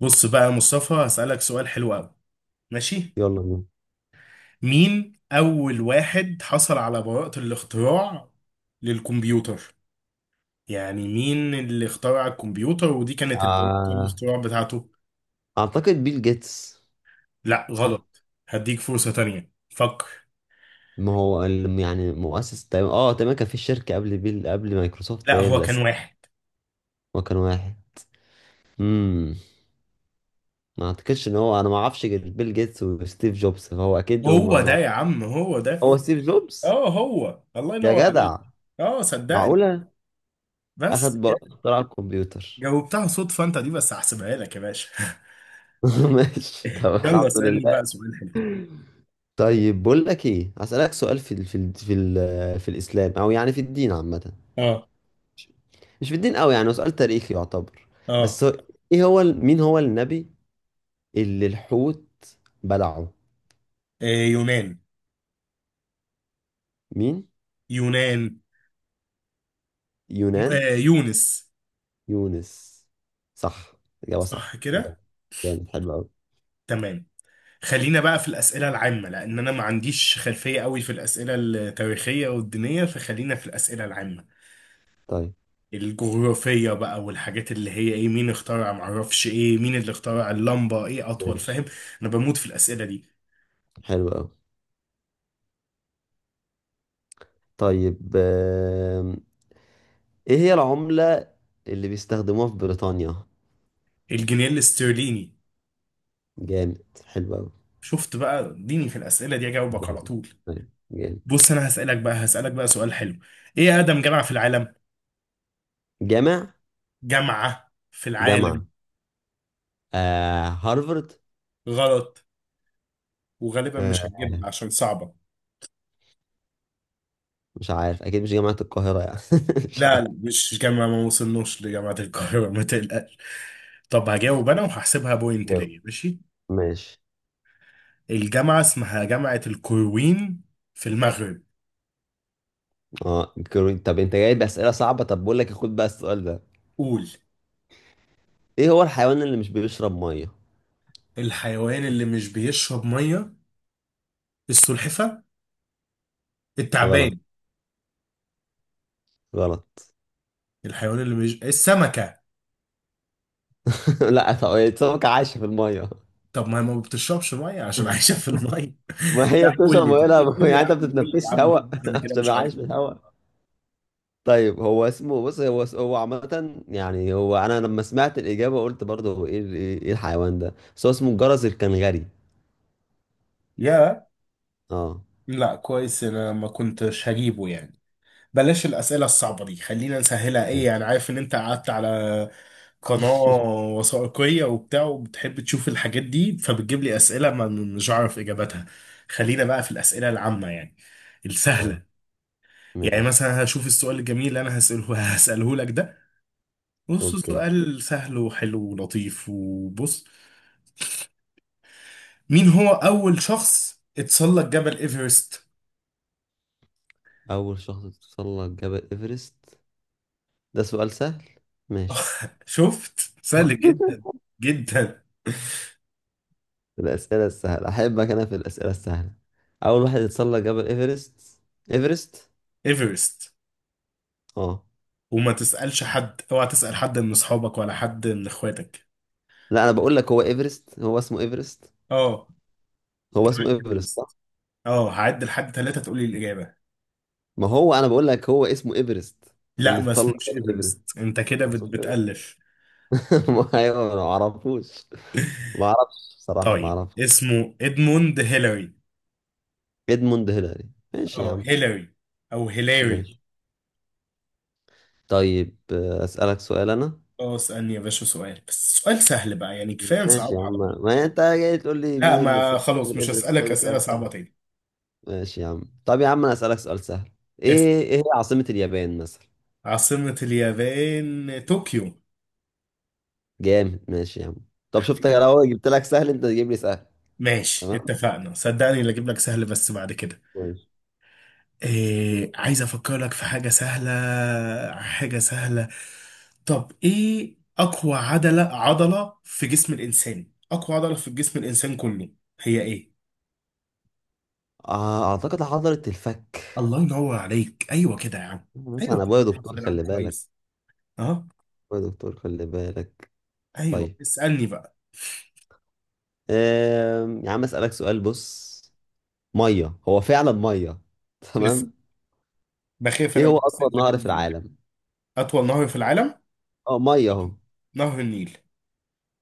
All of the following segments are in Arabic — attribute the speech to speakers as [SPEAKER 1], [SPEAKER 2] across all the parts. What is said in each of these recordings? [SPEAKER 1] بص بقى يا مصطفى، هسألك سؤال حلو قوي. ماشي.
[SPEAKER 2] يلا بينا.
[SPEAKER 1] مين أول واحد حصل على براءة الاختراع للكمبيوتر؟ يعني مين اللي اخترع الكمبيوتر ودي كانت البراءة
[SPEAKER 2] آه،
[SPEAKER 1] الاختراع بتاعته.
[SPEAKER 2] اعتقد بيل جيتس.
[SPEAKER 1] لا
[SPEAKER 2] صح.
[SPEAKER 1] غلط، هديك فرصة تانية، فكر.
[SPEAKER 2] ما هو ال- يعني مؤسس تقريبا تقريبا كان في شركة قبل بيل قبل مايكروسوفت،
[SPEAKER 1] لا هو كان واحد.
[SPEAKER 2] هو كان واحد. امم ما اعتقدش ان هو، انا ما اعرفش غير بيل جيتس وستيف جوبز، فهو اكيد ما...
[SPEAKER 1] هو ده
[SPEAKER 2] ما...
[SPEAKER 1] يا عم هو ده.
[SPEAKER 2] هو ستيف جوبز.
[SPEAKER 1] اه، هو الله
[SPEAKER 2] يا
[SPEAKER 1] ينور عليك.
[SPEAKER 2] جدع،
[SPEAKER 1] اه صدقني.
[SPEAKER 2] معقولة اخد
[SPEAKER 1] بس
[SPEAKER 2] براءة
[SPEAKER 1] كده.
[SPEAKER 2] اختراع الكمبيوتر؟
[SPEAKER 1] جاوبتها صدفة انت دي، بس هحسبها لك يا باشا.
[SPEAKER 2] ماشي، طب
[SPEAKER 1] يلا
[SPEAKER 2] الحمد
[SPEAKER 1] اسألني بقى
[SPEAKER 2] لله.
[SPEAKER 1] سؤال حلو.
[SPEAKER 2] طيب بقول لك ايه، هسألك سؤال في الاسلام او يعني في الدين عامة.
[SPEAKER 1] اه.
[SPEAKER 2] مش في الدين قوي يعني، هو سؤال تاريخي يعتبر.
[SPEAKER 1] اه.
[SPEAKER 2] بس هو، مين هو النبي اللي الحوت بلعه؟
[SPEAKER 1] إيه يونان.
[SPEAKER 2] مين؟
[SPEAKER 1] يونان.
[SPEAKER 2] يونان.
[SPEAKER 1] آه يونس.
[SPEAKER 2] يونس. صح، إجابة
[SPEAKER 1] صح
[SPEAKER 2] صح.
[SPEAKER 1] كده.
[SPEAKER 2] جامد، حلو قوي.
[SPEAKER 1] تمام. خلينا بقى في الأسئلة العامة لأن أنا ما عنديش خلفية قوي في الأسئلة التاريخية والدينية، فخلينا في الأسئلة العامة.
[SPEAKER 2] طيب،
[SPEAKER 1] الجغرافية بقى والحاجات اللي هي إيه، مين اخترع، معرفش، إيه مين اللي اخترع اللمبة، إيه أطول، فاهم.
[SPEAKER 2] ماشي،
[SPEAKER 1] أنا بموت في الأسئلة دي.
[SPEAKER 2] حلو قوي. طيب، ايه هي العملة اللي بيستخدموها في بريطانيا؟
[SPEAKER 1] الجنيه الاسترليني.
[SPEAKER 2] جامد، حلو قوي.
[SPEAKER 1] شفت بقى، اديني في الأسئلة دي أجاوبك على
[SPEAKER 2] جامد،
[SPEAKER 1] طول.
[SPEAKER 2] طيب، جامد.
[SPEAKER 1] بص أنا هسألك بقى سؤال حلو. إيه أقدم جامعة في العالم؟
[SPEAKER 2] جامع
[SPEAKER 1] جامعة في العالم.
[SPEAKER 2] جامعة؟ هارفارد.
[SPEAKER 1] غلط. وغالبا
[SPEAKER 2] آه
[SPEAKER 1] مش هتجيبها عشان صعبة.
[SPEAKER 2] مش عارف، اكيد مش جامعة القاهرة يعني. مش
[SPEAKER 1] لا
[SPEAKER 2] عارف.
[SPEAKER 1] لا مش جامعة، ما وصلناش لجامعة القاهرة، ما تقلقش. طب هجاوب أنا وهحسبها بوينت
[SPEAKER 2] جاوب،
[SPEAKER 1] ليا ماشي.
[SPEAKER 2] ماشي.
[SPEAKER 1] الجامعة اسمها جامعة القرويين في المغرب.
[SPEAKER 2] طب انت جاي بأسئلة صعبة، طب بقول لك خد بقى السؤال ده.
[SPEAKER 1] قول.
[SPEAKER 2] ايه هو الحيوان اللي مش بيشرب مية؟
[SPEAKER 1] الحيوان اللي مش بيشرب مية. السلحفة.
[SPEAKER 2] غلط،
[SPEAKER 1] التعبان.
[SPEAKER 2] غلط.
[SPEAKER 1] الحيوان اللي مش السمكة.
[SPEAKER 2] لا، طب. سمكة عايشة في المية.
[SPEAKER 1] طب ما هي ما بتشربش مية عشان عايشة في المية.
[SPEAKER 2] ما هي
[SPEAKER 1] لا قول
[SPEAKER 2] بتشرب
[SPEAKER 1] لي
[SPEAKER 2] مية،
[SPEAKER 1] طب
[SPEAKER 2] لا
[SPEAKER 1] قول لي
[SPEAKER 2] يعني
[SPEAKER 1] يا
[SPEAKER 2] انت
[SPEAKER 1] عم قول لي يا
[SPEAKER 2] بتتنفسش
[SPEAKER 1] عم خلاص.
[SPEAKER 2] هواء
[SPEAKER 1] أنا كده
[SPEAKER 2] عشان
[SPEAKER 1] مش
[SPEAKER 2] يبقى
[SPEAKER 1] عارف
[SPEAKER 2] عايش في
[SPEAKER 1] أجاوب.
[SPEAKER 2] الهواء. طيب هو اسمه، بص، هو عامة يعني، هو انا لما سمعت الإجابة قلت برضه هو، ايه ال- ايه إيه الحيوان ده، بس هو اسمه الجرس الكنغري.
[SPEAKER 1] يا.
[SPEAKER 2] اه
[SPEAKER 1] لا كويس انا ما كنتش هجيبه يعني. بلاش الأسئلة الصعبة دي، خلينا نسهلها، ايه
[SPEAKER 2] طيب.
[SPEAKER 1] يعني، عارف ان انت قعدت على قناة وثائقية وبتاع وبتحب تشوف الحاجات دي فبتجيب لي أسئلة ما مش عارف إجاباتها. خلينا بقى في الأسئلة العامة يعني، السهلة.
[SPEAKER 2] طيب،
[SPEAKER 1] يعني
[SPEAKER 2] ماشي،
[SPEAKER 1] مثلا هشوف السؤال الجميل اللي انا هسأله لك ده. بص
[SPEAKER 2] اوكي.
[SPEAKER 1] سؤال سهل وحلو ولطيف، وبص، مين هو أول شخص اتسلق جبل إيفرست؟
[SPEAKER 2] اول شخص تتسلق جبل ايفرست؟ ده سؤال سهل، ماشي.
[SPEAKER 1] شفت سهل جدا جدا.
[SPEAKER 2] في الأسئلة السهلة أحبك أنا، في الأسئلة السهلة. أول واحد يتسلق جبل إيفرست، إيفرست.
[SPEAKER 1] إيفرست.
[SPEAKER 2] أه.
[SPEAKER 1] وما تسألش حد، اوعى تسأل حد من اصحابك ولا حد من اخواتك.
[SPEAKER 2] لا، أنا بقول لك هو إيفرست، هو اسمه إيفرست.
[SPEAKER 1] اه
[SPEAKER 2] هو اسمه
[SPEAKER 1] جبل
[SPEAKER 2] إيفرست صح.
[SPEAKER 1] ايفرست. اه هعد لحد ثلاثة تقولي الإجابة.
[SPEAKER 2] ما هو أنا بقول لك هو اسمه إيفرست.
[SPEAKER 1] لا
[SPEAKER 2] اللي
[SPEAKER 1] ما
[SPEAKER 2] اتسلق
[SPEAKER 1] اسموش
[SPEAKER 2] جبل إيفرست،
[SPEAKER 1] ايفرست، انت كده
[SPEAKER 2] أقصد إيفرست.
[SPEAKER 1] بتألف.
[SPEAKER 2] ما أيوه، أنا ما أعرفوش. ما أعرفش بصراحة، ما
[SPEAKER 1] طيب
[SPEAKER 2] أعرفش.
[SPEAKER 1] اسمه ادموند هيلاري.
[SPEAKER 2] إدموند هيلاري، ماشي يا
[SPEAKER 1] اه
[SPEAKER 2] عم.
[SPEAKER 1] هيلاري، او هيلاري.
[SPEAKER 2] ماشي. طيب، أسألك سؤال أنا.
[SPEAKER 1] اه اسألني يا باشا سؤال، بس سؤال سهل بقى يعني، كفاية نصعب
[SPEAKER 2] ماشي يا
[SPEAKER 1] على
[SPEAKER 2] عم،
[SPEAKER 1] بعض.
[SPEAKER 2] ما أنت جاي تقول لي
[SPEAKER 1] لا
[SPEAKER 2] مين اللي
[SPEAKER 1] ما
[SPEAKER 2] اتسلق
[SPEAKER 1] خلاص
[SPEAKER 2] جبل
[SPEAKER 1] مش
[SPEAKER 2] إيفرست،
[SPEAKER 1] هسألك
[SPEAKER 2] سؤال
[SPEAKER 1] أسئلة
[SPEAKER 2] سؤال.
[SPEAKER 1] صعبة تاني.
[SPEAKER 2] ماشي يا عم، طب يا عم انا اسالك سؤال سهل.
[SPEAKER 1] اسأل.
[SPEAKER 2] ايه هي عاصمة اليابان مثلا؟
[SPEAKER 1] عاصمة اليابان طوكيو.
[SPEAKER 2] جامد، ماشي يا عم. طب شفت، يا لو جبت لك سهل انت تجيب لي سهل.
[SPEAKER 1] ماشي
[SPEAKER 2] تمام،
[SPEAKER 1] اتفقنا، صدقني اللي اجيب لك سهل بس بعد كده.
[SPEAKER 2] ماشي.
[SPEAKER 1] إيه عايز افكر لك في حاجة سهلة. حاجة سهلة. طب ايه اقوى عضلة، عضلة في جسم الانسان، اقوى عضلة في جسم الانسان كله، هي ايه؟
[SPEAKER 2] اعتقد حضرة الفك.
[SPEAKER 1] الله ينور عليك، ايوه كده يا عم.
[SPEAKER 2] مش
[SPEAKER 1] ايوه
[SPEAKER 2] انا،
[SPEAKER 1] كده
[SPEAKER 2] ابويا
[SPEAKER 1] نعرف
[SPEAKER 2] دكتور
[SPEAKER 1] نلعب
[SPEAKER 2] خلي بالك.
[SPEAKER 1] كويس. اه.
[SPEAKER 2] ابويا دكتور خلي بالك.
[SPEAKER 1] ايوه
[SPEAKER 2] طيب،
[SPEAKER 1] اسألني بقى.
[SPEAKER 2] يا عم اسالك سؤال، بص. ميه هو فعلا ميه.
[SPEAKER 1] بس
[SPEAKER 2] تمام.
[SPEAKER 1] بخاف انا
[SPEAKER 2] ايه هو
[SPEAKER 1] من بس
[SPEAKER 2] اكبر
[SPEAKER 1] انت كده
[SPEAKER 2] نهر في
[SPEAKER 1] مين؟
[SPEAKER 2] العالم؟
[SPEAKER 1] اطول نهر في العالم.
[SPEAKER 2] اه ميه اهو.
[SPEAKER 1] نهر النيل.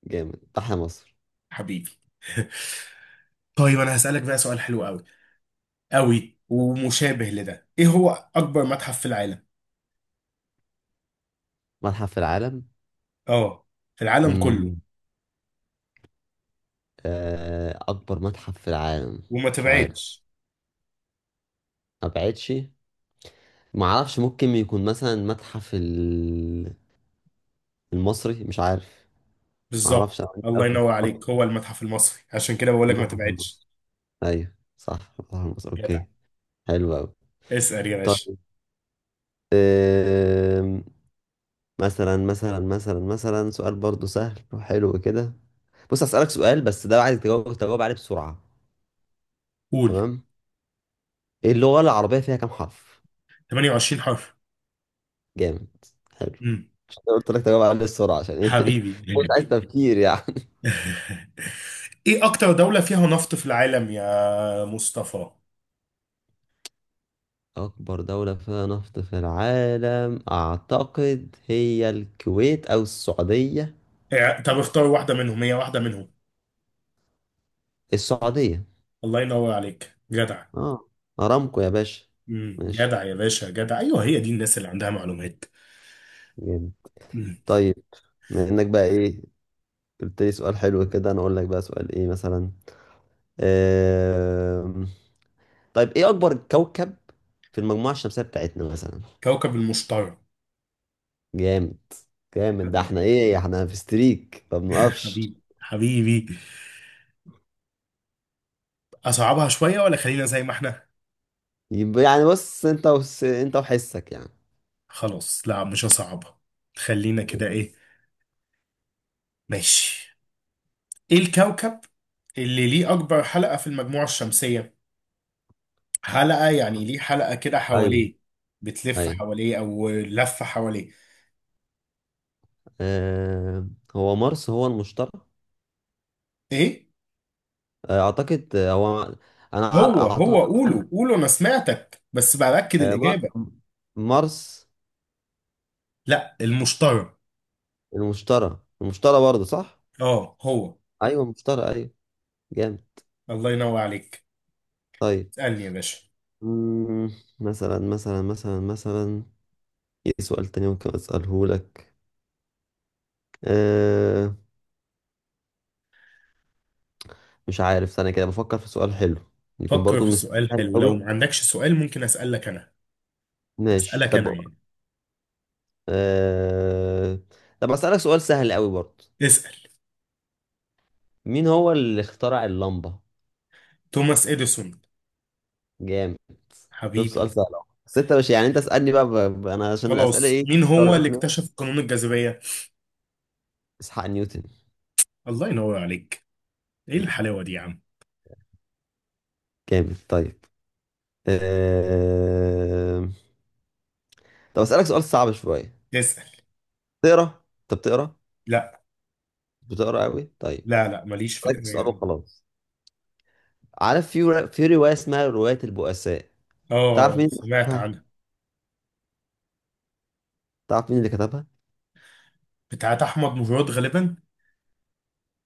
[SPEAKER 2] جامد، تحيا مصر.
[SPEAKER 1] حبيبي. طيب انا هسألك بقى سؤال حلو قوي، قوي ومشابه لده، ايه هو اكبر متحف في العالم؟
[SPEAKER 2] متحف في العالم؟
[SPEAKER 1] اه. في العالم كله.
[SPEAKER 2] امم اكبر متحف في العالم؟
[SPEAKER 1] وما
[SPEAKER 2] مش عارف.
[SPEAKER 1] تبعدش.
[SPEAKER 2] ما بعتش. ما اعرفش، ممكن يكون مثلا المتحف المصري، مش عارف. ما اعرفش،
[SPEAKER 1] بالظبط
[SPEAKER 2] انا عندي
[SPEAKER 1] الله
[SPEAKER 2] قبل.
[SPEAKER 1] ينور عليك، هو المتحف المصري، عشان كده بقول لك ما
[SPEAKER 2] المتحف
[SPEAKER 1] تبعدش.
[SPEAKER 2] المصري. ايوه صح، المتحف المصري،
[SPEAKER 1] جدع.
[SPEAKER 2] اوكي. حلو قوي.
[SPEAKER 1] اسأل يا باشا.
[SPEAKER 2] طيب، آم، مثلا سؤال برضو سهل وحلو كده. بص هسألك سؤال، بس ده عايز تجاوب عليه بسرعة.
[SPEAKER 1] قول.
[SPEAKER 2] تمام. ايه اللغة العربية فيها كام حرف؟
[SPEAKER 1] 28 حرف.
[SPEAKER 2] جامد، حلو.
[SPEAKER 1] امم.
[SPEAKER 2] عشان كده قلت لك تجاوب عليه بسرعة، عشان ايه
[SPEAKER 1] حبيبي.
[SPEAKER 2] مش عايز تفكير يعني.
[SPEAKER 1] ايه اكتر دولة فيها نفط في العالم يا مصطفى؟
[SPEAKER 2] أكبر دولة فيها نفط في العالم؟ أعتقد هي الكويت أو السعودية.
[SPEAKER 1] إيه، طب اختار واحدة منهم، هي واحدة منهم.
[SPEAKER 2] السعودية.
[SPEAKER 1] الله ينور عليك جدع.
[SPEAKER 2] اه أرامكو يا باشا.
[SPEAKER 1] امم،
[SPEAKER 2] ماشي،
[SPEAKER 1] جدع يا باشا جدع، ايوه هي دي الناس اللي عندها معلومات.
[SPEAKER 2] جامد.
[SPEAKER 1] مم.
[SPEAKER 2] طيب، بما إنك بقى إيه، قلت لي سؤال حلو كده، أنا أقول لك بقى سؤال إيه مثلا. آم... طيب، إيه أكبر كوكب في المجموعة الشمسية بتاعتنا مثلا؟
[SPEAKER 1] كوكب المشتري.
[SPEAKER 2] جامد، جامد، ده
[SPEAKER 1] حبيبي.
[SPEAKER 2] احنا في ستريك ما بنوقفش.
[SPEAKER 1] حبيبي حبيبي. اصعبها شوية ولا خلينا زي ما احنا.
[SPEAKER 2] يبقى يعني، بص أنت وحسك يعني.
[SPEAKER 1] خلاص لا مش هصعبها. خلينا كده ايه. ماشي. ايه الكوكب اللي ليه اكبر حلقة في المجموعة الشمسية؟ حلقة يعني ليه حلقة كده
[SPEAKER 2] ايوه،
[SPEAKER 1] حواليه، بتلف
[SPEAKER 2] ايوه.
[SPEAKER 1] حواليه او لفة حواليه.
[SPEAKER 2] آه، هو مارس، هو المشترك؟
[SPEAKER 1] ايه.
[SPEAKER 2] اعتقد هو، انا عار...
[SPEAKER 1] هو
[SPEAKER 2] أعت...
[SPEAKER 1] هو
[SPEAKER 2] يعني،
[SPEAKER 1] قوله قوله انا سمعتك بس باكد
[SPEAKER 2] آه، مار...
[SPEAKER 1] الاجابة.
[SPEAKER 2] مارس.
[SPEAKER 1] لا المشتري.
[SPEAKER 2] المشترى، المشترى برضه صح.
[SPEAKER 1] اه هو
[SPEAKER 2] ايوه، المشترى، ايوه. جامد.
[SPEAKER 1] الله ينور عليك.
[SPEAKER 2] طيب.
[SPEAKER 1] اسألني يا باشا.
[SPEAKER 2] مم، مثلا ايه سؤال تاني ممكن اساله لك؟ أه... مش عارف، استنى كده بفكر في سؤال حلو، يكون
[SPEAKER 1] فكر
[SPEAKER 2] برضه
[SPEAKER 1] في
[SPEAKER 2] مش
[SPEAKER 1] سؤال
[SPEAKER 2] سهل
[SPEAKER 1] حلو، لو ما
[SPEAKER 2] قوي.
[SPEAKER 1] عندكش سؤال ممكن اسألك انا.
[SPEAKER 2] ماشي،
[SPEAKER 1] اسألك
[SPEAKER 2] طب.
[SPEAKER 1] انا يعني.
[SPEAKER 2] أه... طب اسالك سؤال سهل قوي برضه.
[SPEAKER 1] اسأل.
[SPEAKER 2] مين هو اللي اخترع اللمبة؟
[SPEAKER 1] توماس إديسون.
[SPEAKER 2] جامد. شوف
[SPEAKER 1] حبيبي.
[SPEAKER 2] سؤال سهل أهو. بس انت مش يعني، انت اسألني بقى انا عشان الأسئلة
[SPEAKER 1] خلاص
[SPEAKER 2] ايه.
[SPEAKER 1] مين هو اللي
[SPEAKER 2] اضطريت منها.
[SPEAKER 1] اكتشف قانون الجاذبية؟
[SPEAKER 2] اسحاق نيوتن.
[SPEAKER 1] الله ينور عليك. ايه الحلاوة دي يا عم.
[SPEAKER 2] جامد. طيب. أه... طب اسألك سؤال صعب شوية.
[SPEAKER 1] اسأل.
[SPEAKER 2] تقرا انت بتقرا؟
[SPEAKER 1] لا
[SPEAKER 2] بتقرا قوي، طيب.
[SPEAKER 1] لا لا ماليش في
[SPEAKER 2] اسألك
[SPEAKER 1] القراية
[SPEAKER 2] سؤال
[SPEAKER 1] أوي.
[SPEAKER 2] وخلاص. عارف في رواية اسمها رواية البؤساء؟ تعرف
[SPEAKER 1] اه
[SPEAKER 2] مين اللي
[SPEAKER 1] سمعت
[SPEAKER 2] كتبها
[SPEAKER 1] عنها.
[SPEAKER 2] تعرف مين اللي كتبها؟
[SPEAKER 1] بتاعت أحمد مراد غالبا.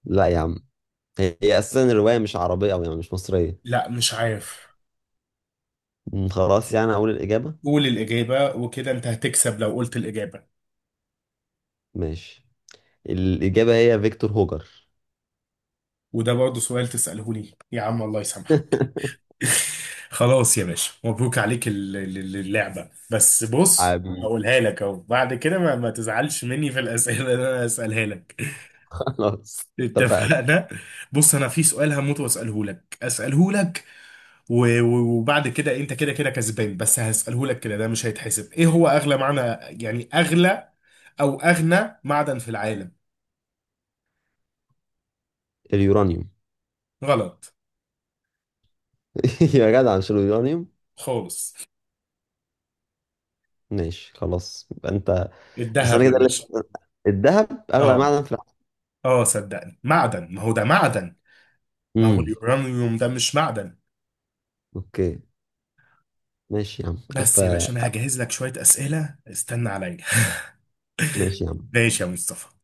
[SPEAKER 2] لا يا عم. هي اساسا الرواية مش عربية، او يعني مش مصرية.
[SPEAKER 1] لا مش عارف.
[SPEAKER 2] خلاص يعني اقول الإجابة.
[SPEAKER 1] قول الإجابة وكده أنت هتكسب لو قلت الإجابة.
[SPEAKER 2] ماشي، الإجابة هي فيكتور هوجر.
[SPEAKER 1] وده برضه سؤال تسأله لي يا عم الله يسامحك. خلاص يا باشا مبروك عليك اللعبة، بس بص،
[SPEAKER 2] حبيبي.
[SPEAKER 1] هقولها لك اهو بعد كده، ما تزعلش مني في الأسئلة اللي انا هسألها لك.
[SPEAKER 2] خلاص. اتفقنا.
[SPEAKER 1] اتفقنا. بص انا في سؤال هموت واساله لك، اساله لك وبعد كده انت كده كده كسبان، بس هساله لك كده ده مش هيتحسب. ايه هو اغلى معنى يعني، اغلى او اغنى معدن في العالم؟
[SPEAKER 2] اليورانيوم.
[SPEAKER 1] غلط
[SPEAKER 2] يا جدع، مش اليورانيوم؟
[SPEAKER 1] خالص.
[SPEAKER 2] ماشي، خلاص يبقى انت. بس انا
[SPEAKER 1] الذهب يا
[SPEAKER 2] كده اللي...
[SPEAKER 1] باشا.
[SPEAKER 2] الذهب اغلى
[SPEAKER 1] اه.
[SPEAKER 2] معدن في العالم.
[SPEAKER 1] اه صدقني معدن، ما هو ده معدن. ما هو
[SPEAKER 2] امم
[SPEAKER 1] اليورانيوم ده مش معدن.
[SPEAKER 2] اوكي. ماشي يا عم، الف.
[SPEAKER 1] بس يا باشا انا هجهز لك شوية اسئلة، استنى عليا.
[SPEAKER 2] ماشي يا عم.
[SPEAKER 1] ماشي يا مصطفى.